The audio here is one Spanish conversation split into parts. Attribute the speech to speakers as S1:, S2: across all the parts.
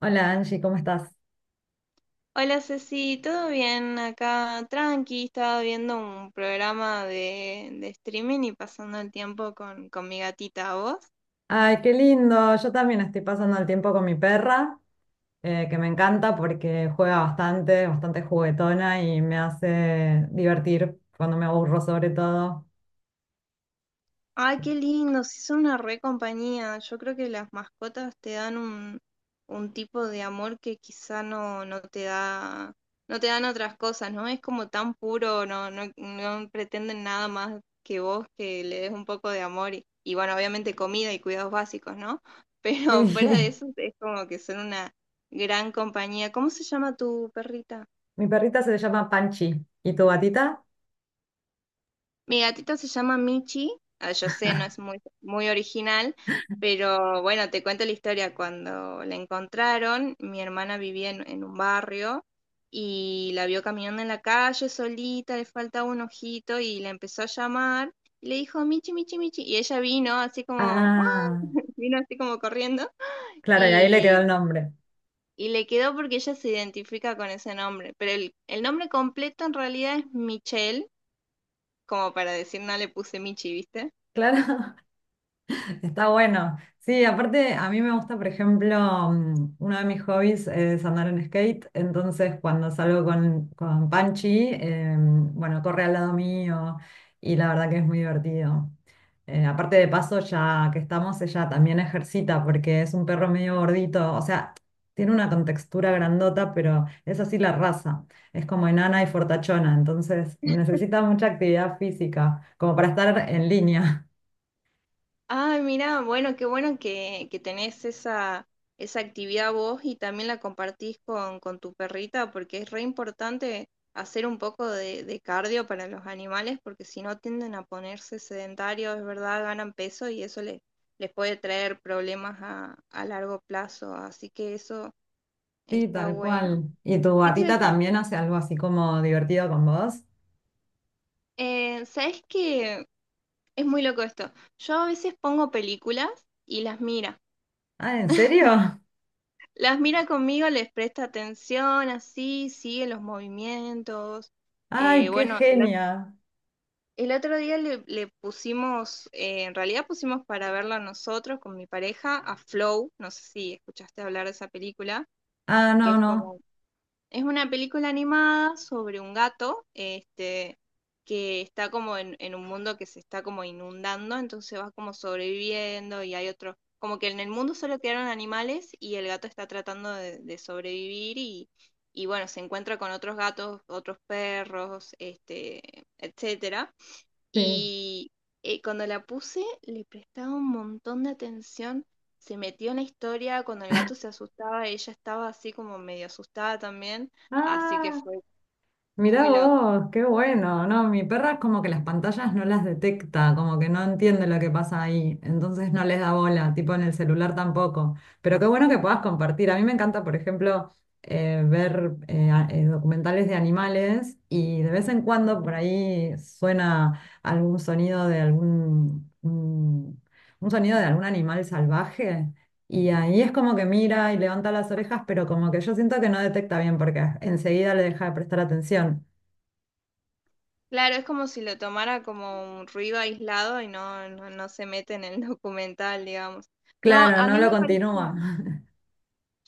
S1: Hola Angie, ¿cómo estás?
S2: Hola Ceci, ¿todo bien? Acá tranqui, estaba viendo un programa de streaming y pasando el tiempo con mi gatita, ¿vos?
S1: Ay, qué lindo. Yo también estoy pasando el tiempo con mi perra, que me encanta porque juega bastante, bastante juguetona y me hace divertir cuando me aburro sobre todo.
S2: Ay, qué lindo, sí son una re compañía. Yo creo que las mascotas te dan un tipo de amor que quizá no te da, no te dan otras cosas, ¿no? Es como tan puro, no, no, no pretenden nada más que vos que le des un poco de amor y bueno, obviamente comida y cuidados básicos, ¿no? Pero fuera de
S1: Sí,
S2: eso es como que son una gran compañía. ¿Cómo se llama tu perrita?
S1: mi perrita se llama Panchi. ¿Y tu gatita?
S2: Mi gatito se llama Michi. Ah, yo sé, no es muy original, pero bueno, te cuento la historia. Cuando la encontraron, mi hermana vivía en un barrio y la vio caminando en la calle solita, le faltaba un ojito y la empezó a llamar y le dijo, Michi, Michi, Michi. Y ella vino así como, "Ah",
S1: Ah,
S2: vino así como corriendo
S1: claro, y ahí le quedó
S2: y,
S1: el nombre.
S2: y le quedó porque ella se identifica con ese nombre. Pero el nombre completo en realidad es Michelle, como para decir, no le puse Michi, ¿viste?
S1: Claro. Está bueno. Sí, aparte a mí me gusta, por ejemplo, uno de mis hobbies es andar en skate, entonces cuando salgo con Panchi, bueno, corre al lado mío y la verdad que es muy divertido. Aparte de paso, ya que estamos, ella también ejercita porque es un perro medio gordito, o sea, tiene una contextura grandota, pero es así la raza, es como enana y fortachona, entonces necesita mucha actividad física, como para estar en línea.
S2: Ay, mira, bueno, qué bueno que tenés esa, esa actividad vos y también la compartís con tu perrita, porque es re importante hacer un poco de cardio para los animales, porque si no tienden a ponerse sedentarios, es verdad, ganan peso y eso les, les puede traer problemas a largo plazo. Así que eso
S1: Sí,
S2: está
S1: tal
S2: bueno.
S1: cual. ¿Y tu
S2: ¿Qué te iba a
S1: gatita
S2: decir?
S1: también hace algo así como divertido con vos?
S2: ¿Sabes qué? Es muy loco esto. Yo a veces pongo películas y las miro.
S1: Ah, ¿en serio?
S2: Las mira conmigo, les presta atención, así, sigue los movimientos.
S1: Ay, qué
S2: Bueno,
S1: genia.
S2: el otro día le pusimos, en realidad pusimos para verla nosotros con mi pareja a Flow, no sé si escuchaste hablar de esa película,
S1: Ah,
S2: que
S1: no,
S2: es
S1: no.
S2: como es una película animada sobre un gato, este, que está como en un mundo que se está como inundando, entonces va como sobreviviendo y hay otro, como que en el mundo solo quedaron animales y el gato está tratando de sobrevivir y bueno, se encuentra con otros gatos, otros perros, este, etcétera.
S1: Sí.
S2: Y cuando la puse, le prestaba un montón de atención. Se metió en la historia. Cuando el gato se asustaba, ella estaba así como medio asustada también. Así que
S1: Ah.
S2: fue
S1: Mirá
S2: muy loco.
S1: vos, qué bueno, ¿no? Mi perra es como que las pantallas no las detecta, como que no entiende lo que pasa ahí, entonces no les da bola, tipo en el celular tampoco. Pero qué bueno que puedas compartir. A mí me encanta, por ejemplo, documentales de animales y de vez en cuando por ahí suena algún sonido de un un sonido de algún animal salvaje. Y ahí es como que mira y levanta las orejas, pero como que yo siento que no detecta bien porque enseguida le deja de prestar atención.
S2: Claro, es como si lo tomara como un ruido aislado y no, no, no se mete en el documental, digamos. No,
S1: Claro,
S2: a
S1: no
S2: mí
S1: lo
S2: me parece.
S1: continúa.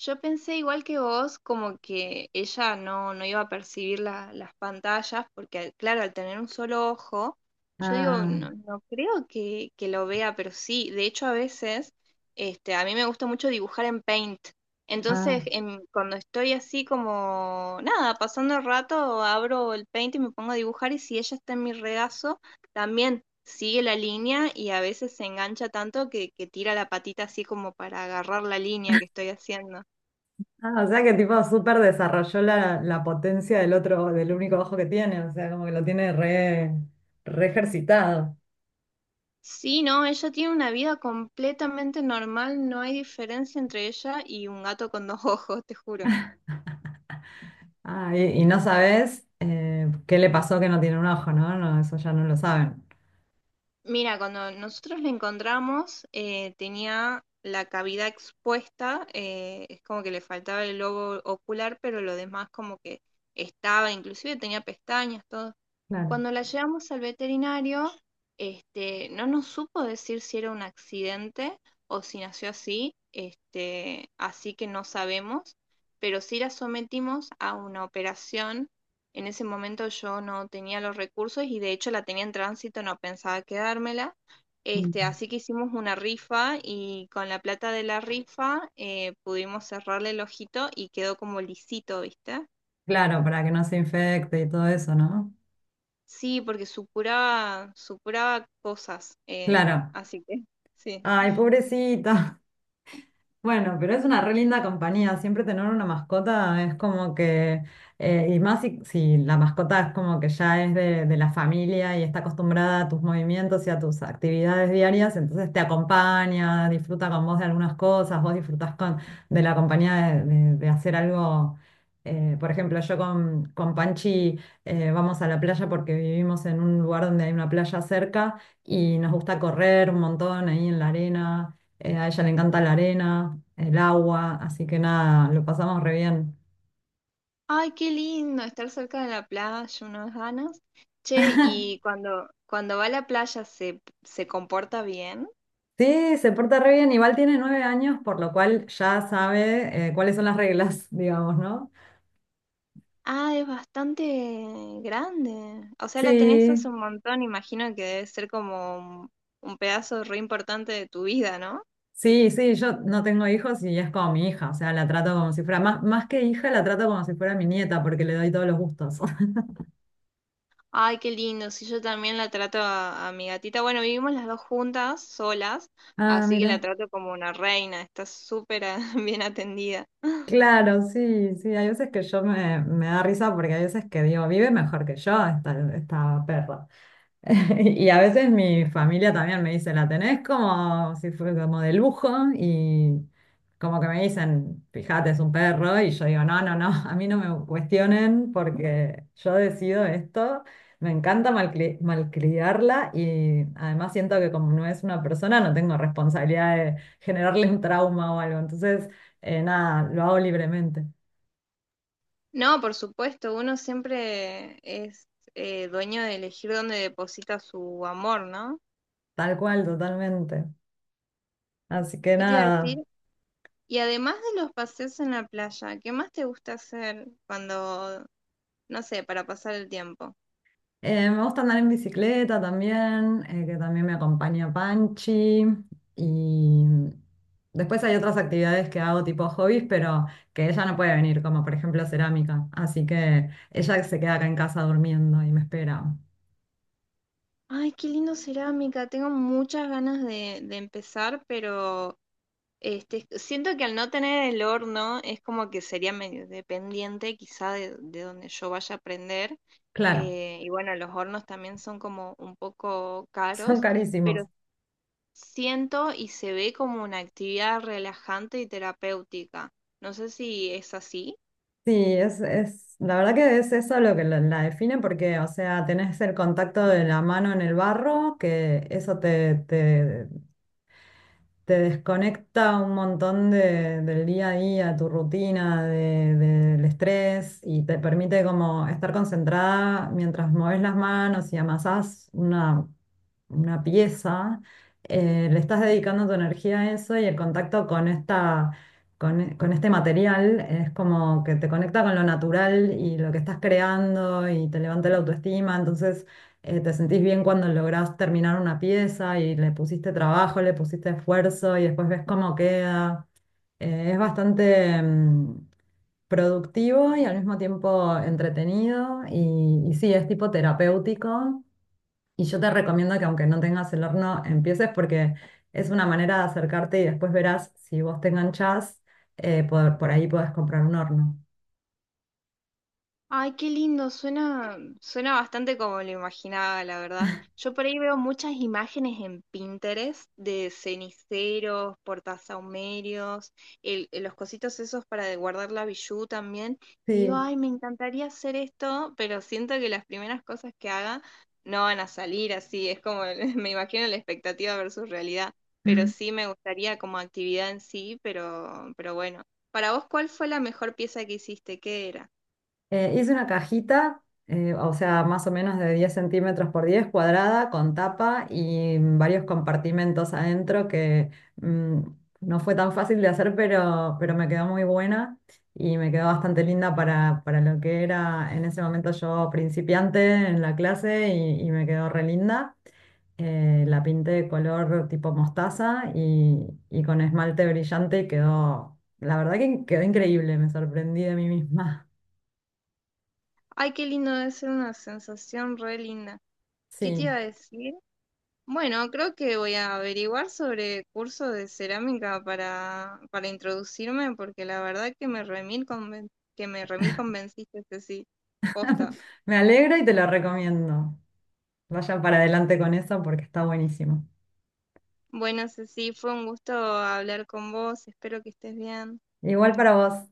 S2: Yo pensé igual que vos, como que ella no, no iba a percibir la- las pantallas, porque al- claro, al tener un solo ojo, yo digo,
S1: Ah,
S2: no, no creo que lo vea, pero sí, de hecho a veces, este, a mí me gusta mucho dibujar en Paint. Entonces,
S1: ah,
S2: en- cuando estoy así como, nada, pasando el rato, abro el Paint y me pongo a dibujar, y si ella está en mi regazo, también sigue la línea y a veces se engancha tanto que tira la patita así como para agarrar la línea que estoy haciendo.
S1: o sea que tipo súper desarrolló la potencia del otro, del único ojo que tiene, o sea, como que lo tiene re ejercitado.
S2: Sí, no, ella tiene una vida completamente normal, no hay diferencia entre ella y un gato con dos ojos, te juro.
S1: Ah, y no sabes qué le pasó que no tiene un ojo, ¿no? No, eso ya no lo saben.
S2: Mira, cuando nosotros le encontramos, tenía la cavidad expuesta, es como que le faltaba el globo ocular, pero lo demás como que estaba, inclusive tenía pestañas, todo.
S1: Claro.
S2: Cuando la llevamos al veterinario, este, no nos supo decir si era un accidente o si nació así, este, así que no sabemos, pero sí la sometimos a una operación en ese momento yo no tenía los recursos y de hecho la tenía en tránsito, no pensaba quedármela.
S1: Mm.
S2: Este, así que hicimos una rifa y con la plata de la rifa pudimos cerrarle el ojito y quedó como lisito, ¿viste?
S1: Claro, para que no se infecte y todo eso, ¿no?
S2: Sí, porque supuraba, supuraba cosas.
S1: Claro.
S2: Así que, sí.
S1: Ay, pobrecito. Bueno, pero es una re linda compañía. Siempre tener una mascota es como que, y más si la mascota es como que ya es de la familia y está acostumbrada a tus movimientos y a tus actividades diarias, entonces te acompaña, disfruta con vos de algunas cosas, vos disfrutás de la compañía de hacer algo. Eh, por ejemplo, yo con Panchi vamos a la playa porque vivimos en un lugar donde hay una playa cerca y nos gusta correr un montón ahí en la arena. A ella le encanta la arena, el agua, así que nada, lo pasamos re bien.
S2: Ay, qué lindo estar cerca de la playa, unas ganas. Che, y cuando, cuando va a la playa se, se comporta bien.
S1: Sí, se porta re bien, igual tiene 9 años, por lo cual ya sabe cuáles son las reglas, digamos, ¿no?
S2: Ah, es bastante grande. O sea, la tenés hace
S1: Sí,
S2: un montón, imagino que debe ser como un pedazo re importante de tu vida, ¿no?
S1: sí, sí, yo no tengo hijos y es como mi hija, o sea, la trato como si fuera, más que hija, la trato como si fuera mi nieta, porque le doy todos los gustos.
S2: Ay, qué lindo. Si yo también la trato a mi gatita. Bueno, vivimos las dos juntas, solas,
S1: Ah,
S2: así que la
S1: mira.
S2: trato como una reina. Está súper ah, bien atendida.
S1: Claro, sí, sí, hay veces que yo me da risa porque hay veces que digo, vive mejor que yo esta perra. Y a veces mi familia también me dice, la tenés como si fuera como de lujo y como que me dicen, fíjate, es un perro y yo digo, no, no, no, a mí no me cuestionen porque yo decido esto, me encanta malcriarla y además siento que como no es una persona no tengo responsabilidad de generarle un trauma o algo, entonces nada, lo hago libremente,
S2: No, por supuesto, uno siempre es dueño de elegir dónde deposita su amor, ¿no?
S1: tal cual, totalmente. Así que
S2: ¿Qué te iba a decir?
S1: nada.
S2: Y además de los paseos en la playa, ¿qué más te gusta hacer cuando, no sé, para pasar el tiempo?
S1: Me gusta andar en bicicleta también, que también me acompaña Panchi. Y después hay otras actividades que hago tipo hobbies, pero que ella no puede venir, como por ejemplo cerámica. Así que ella se queda acá en casa durmiendo y me espera.
S2: Ay, qué lindo cerámica. Tengo muchas ganas de empezar, pero este, siento que al no tener el horno es como que sería medio dependiente quizá de donde yo vaya a aprender.
S1: Claro,
S2: Y bueno, los hornos también son como un poco
S1: son
S2: caros, pero
S1: carísimos.
S2: siento y se ve como una actividad relajante y terapéutica. No sé si es así.
S1: Sí, la verdad que es eso lo que la define porque, o sea, tenés el contacto de la mano en el barro, que eso te te desconecta un montón del día a día, tu rutina, del estrés y te permite como estar concentrada mientras mueves las manos y amasás una pieza, le estás dedicando tu energía a eso y el contacto con esta, con este material es como que te conecta con lo natural y lo que estás creando y te levanta la autoestima, entonces te sentís bien cuando lográs terminar una pieza y le pusiste trabajo, le pusiste esfuerzo y después ves cómo queda. Es bastante... mm, productivo y al mismo tiempo entretenido y sí, es tipo terapéutico y yo te recomiendo que aunque no tengas el horno, empieces porque es una manera de acercarte y después verás si vos te enganchás, por ahí podés comprar un horno.
S2: Ay, qué lindo, suena, suena bastante como lo imaginaba, la verdad. Yo por ahí veo muchas imágenes en Pinterest de ceniceros, portasahumerios, el, los cositos esos para de guardar la bijú también. Y digo,
S1: Sí.
S2: ay, me encantaría hacer esto, pero siento que las primeras cosas que haga no van a salir así. Es como, me imagino la expectativa versus realidad. Pero sí me gustaría como actividad en sí, pero bueno. Para vos, ¿cuál fue la mejor pieza que hiciste? ¿Qué era?
S1: Hice una cajita, o sea, más o menos de 10 centímetros por 10 cuadrada, con tapa y varios compartimentos adentro que mm, no fue tan fácil de hacer, pero me quedó muy buena y me quedó bastante linda para lo que era en ese momento yo principiante en la clase y me quedó re linda. La pinté de color tipo mostaza y con esmalte brillante y quedó, la verdad que quedó increíble, me sorprendí de mí misma.
S2: Ay, qué lindo, debe ser una sensación re linda. ¿Qué te iba
S1: Sí.
S2: a decir? Bueno, creo que voy a averiguar sobre cursos de cerámica para introducirme, porque la verdad que que me remil convenciste, Ceci. Posta.
S1: Me alegra y te lo recomiendo. Vayan para adelante con eso porque está buenísimo.
S2: Bueno, Ceci, fue un gusto hablar con vos. Espero que estés bien.
S1: Igual para vos.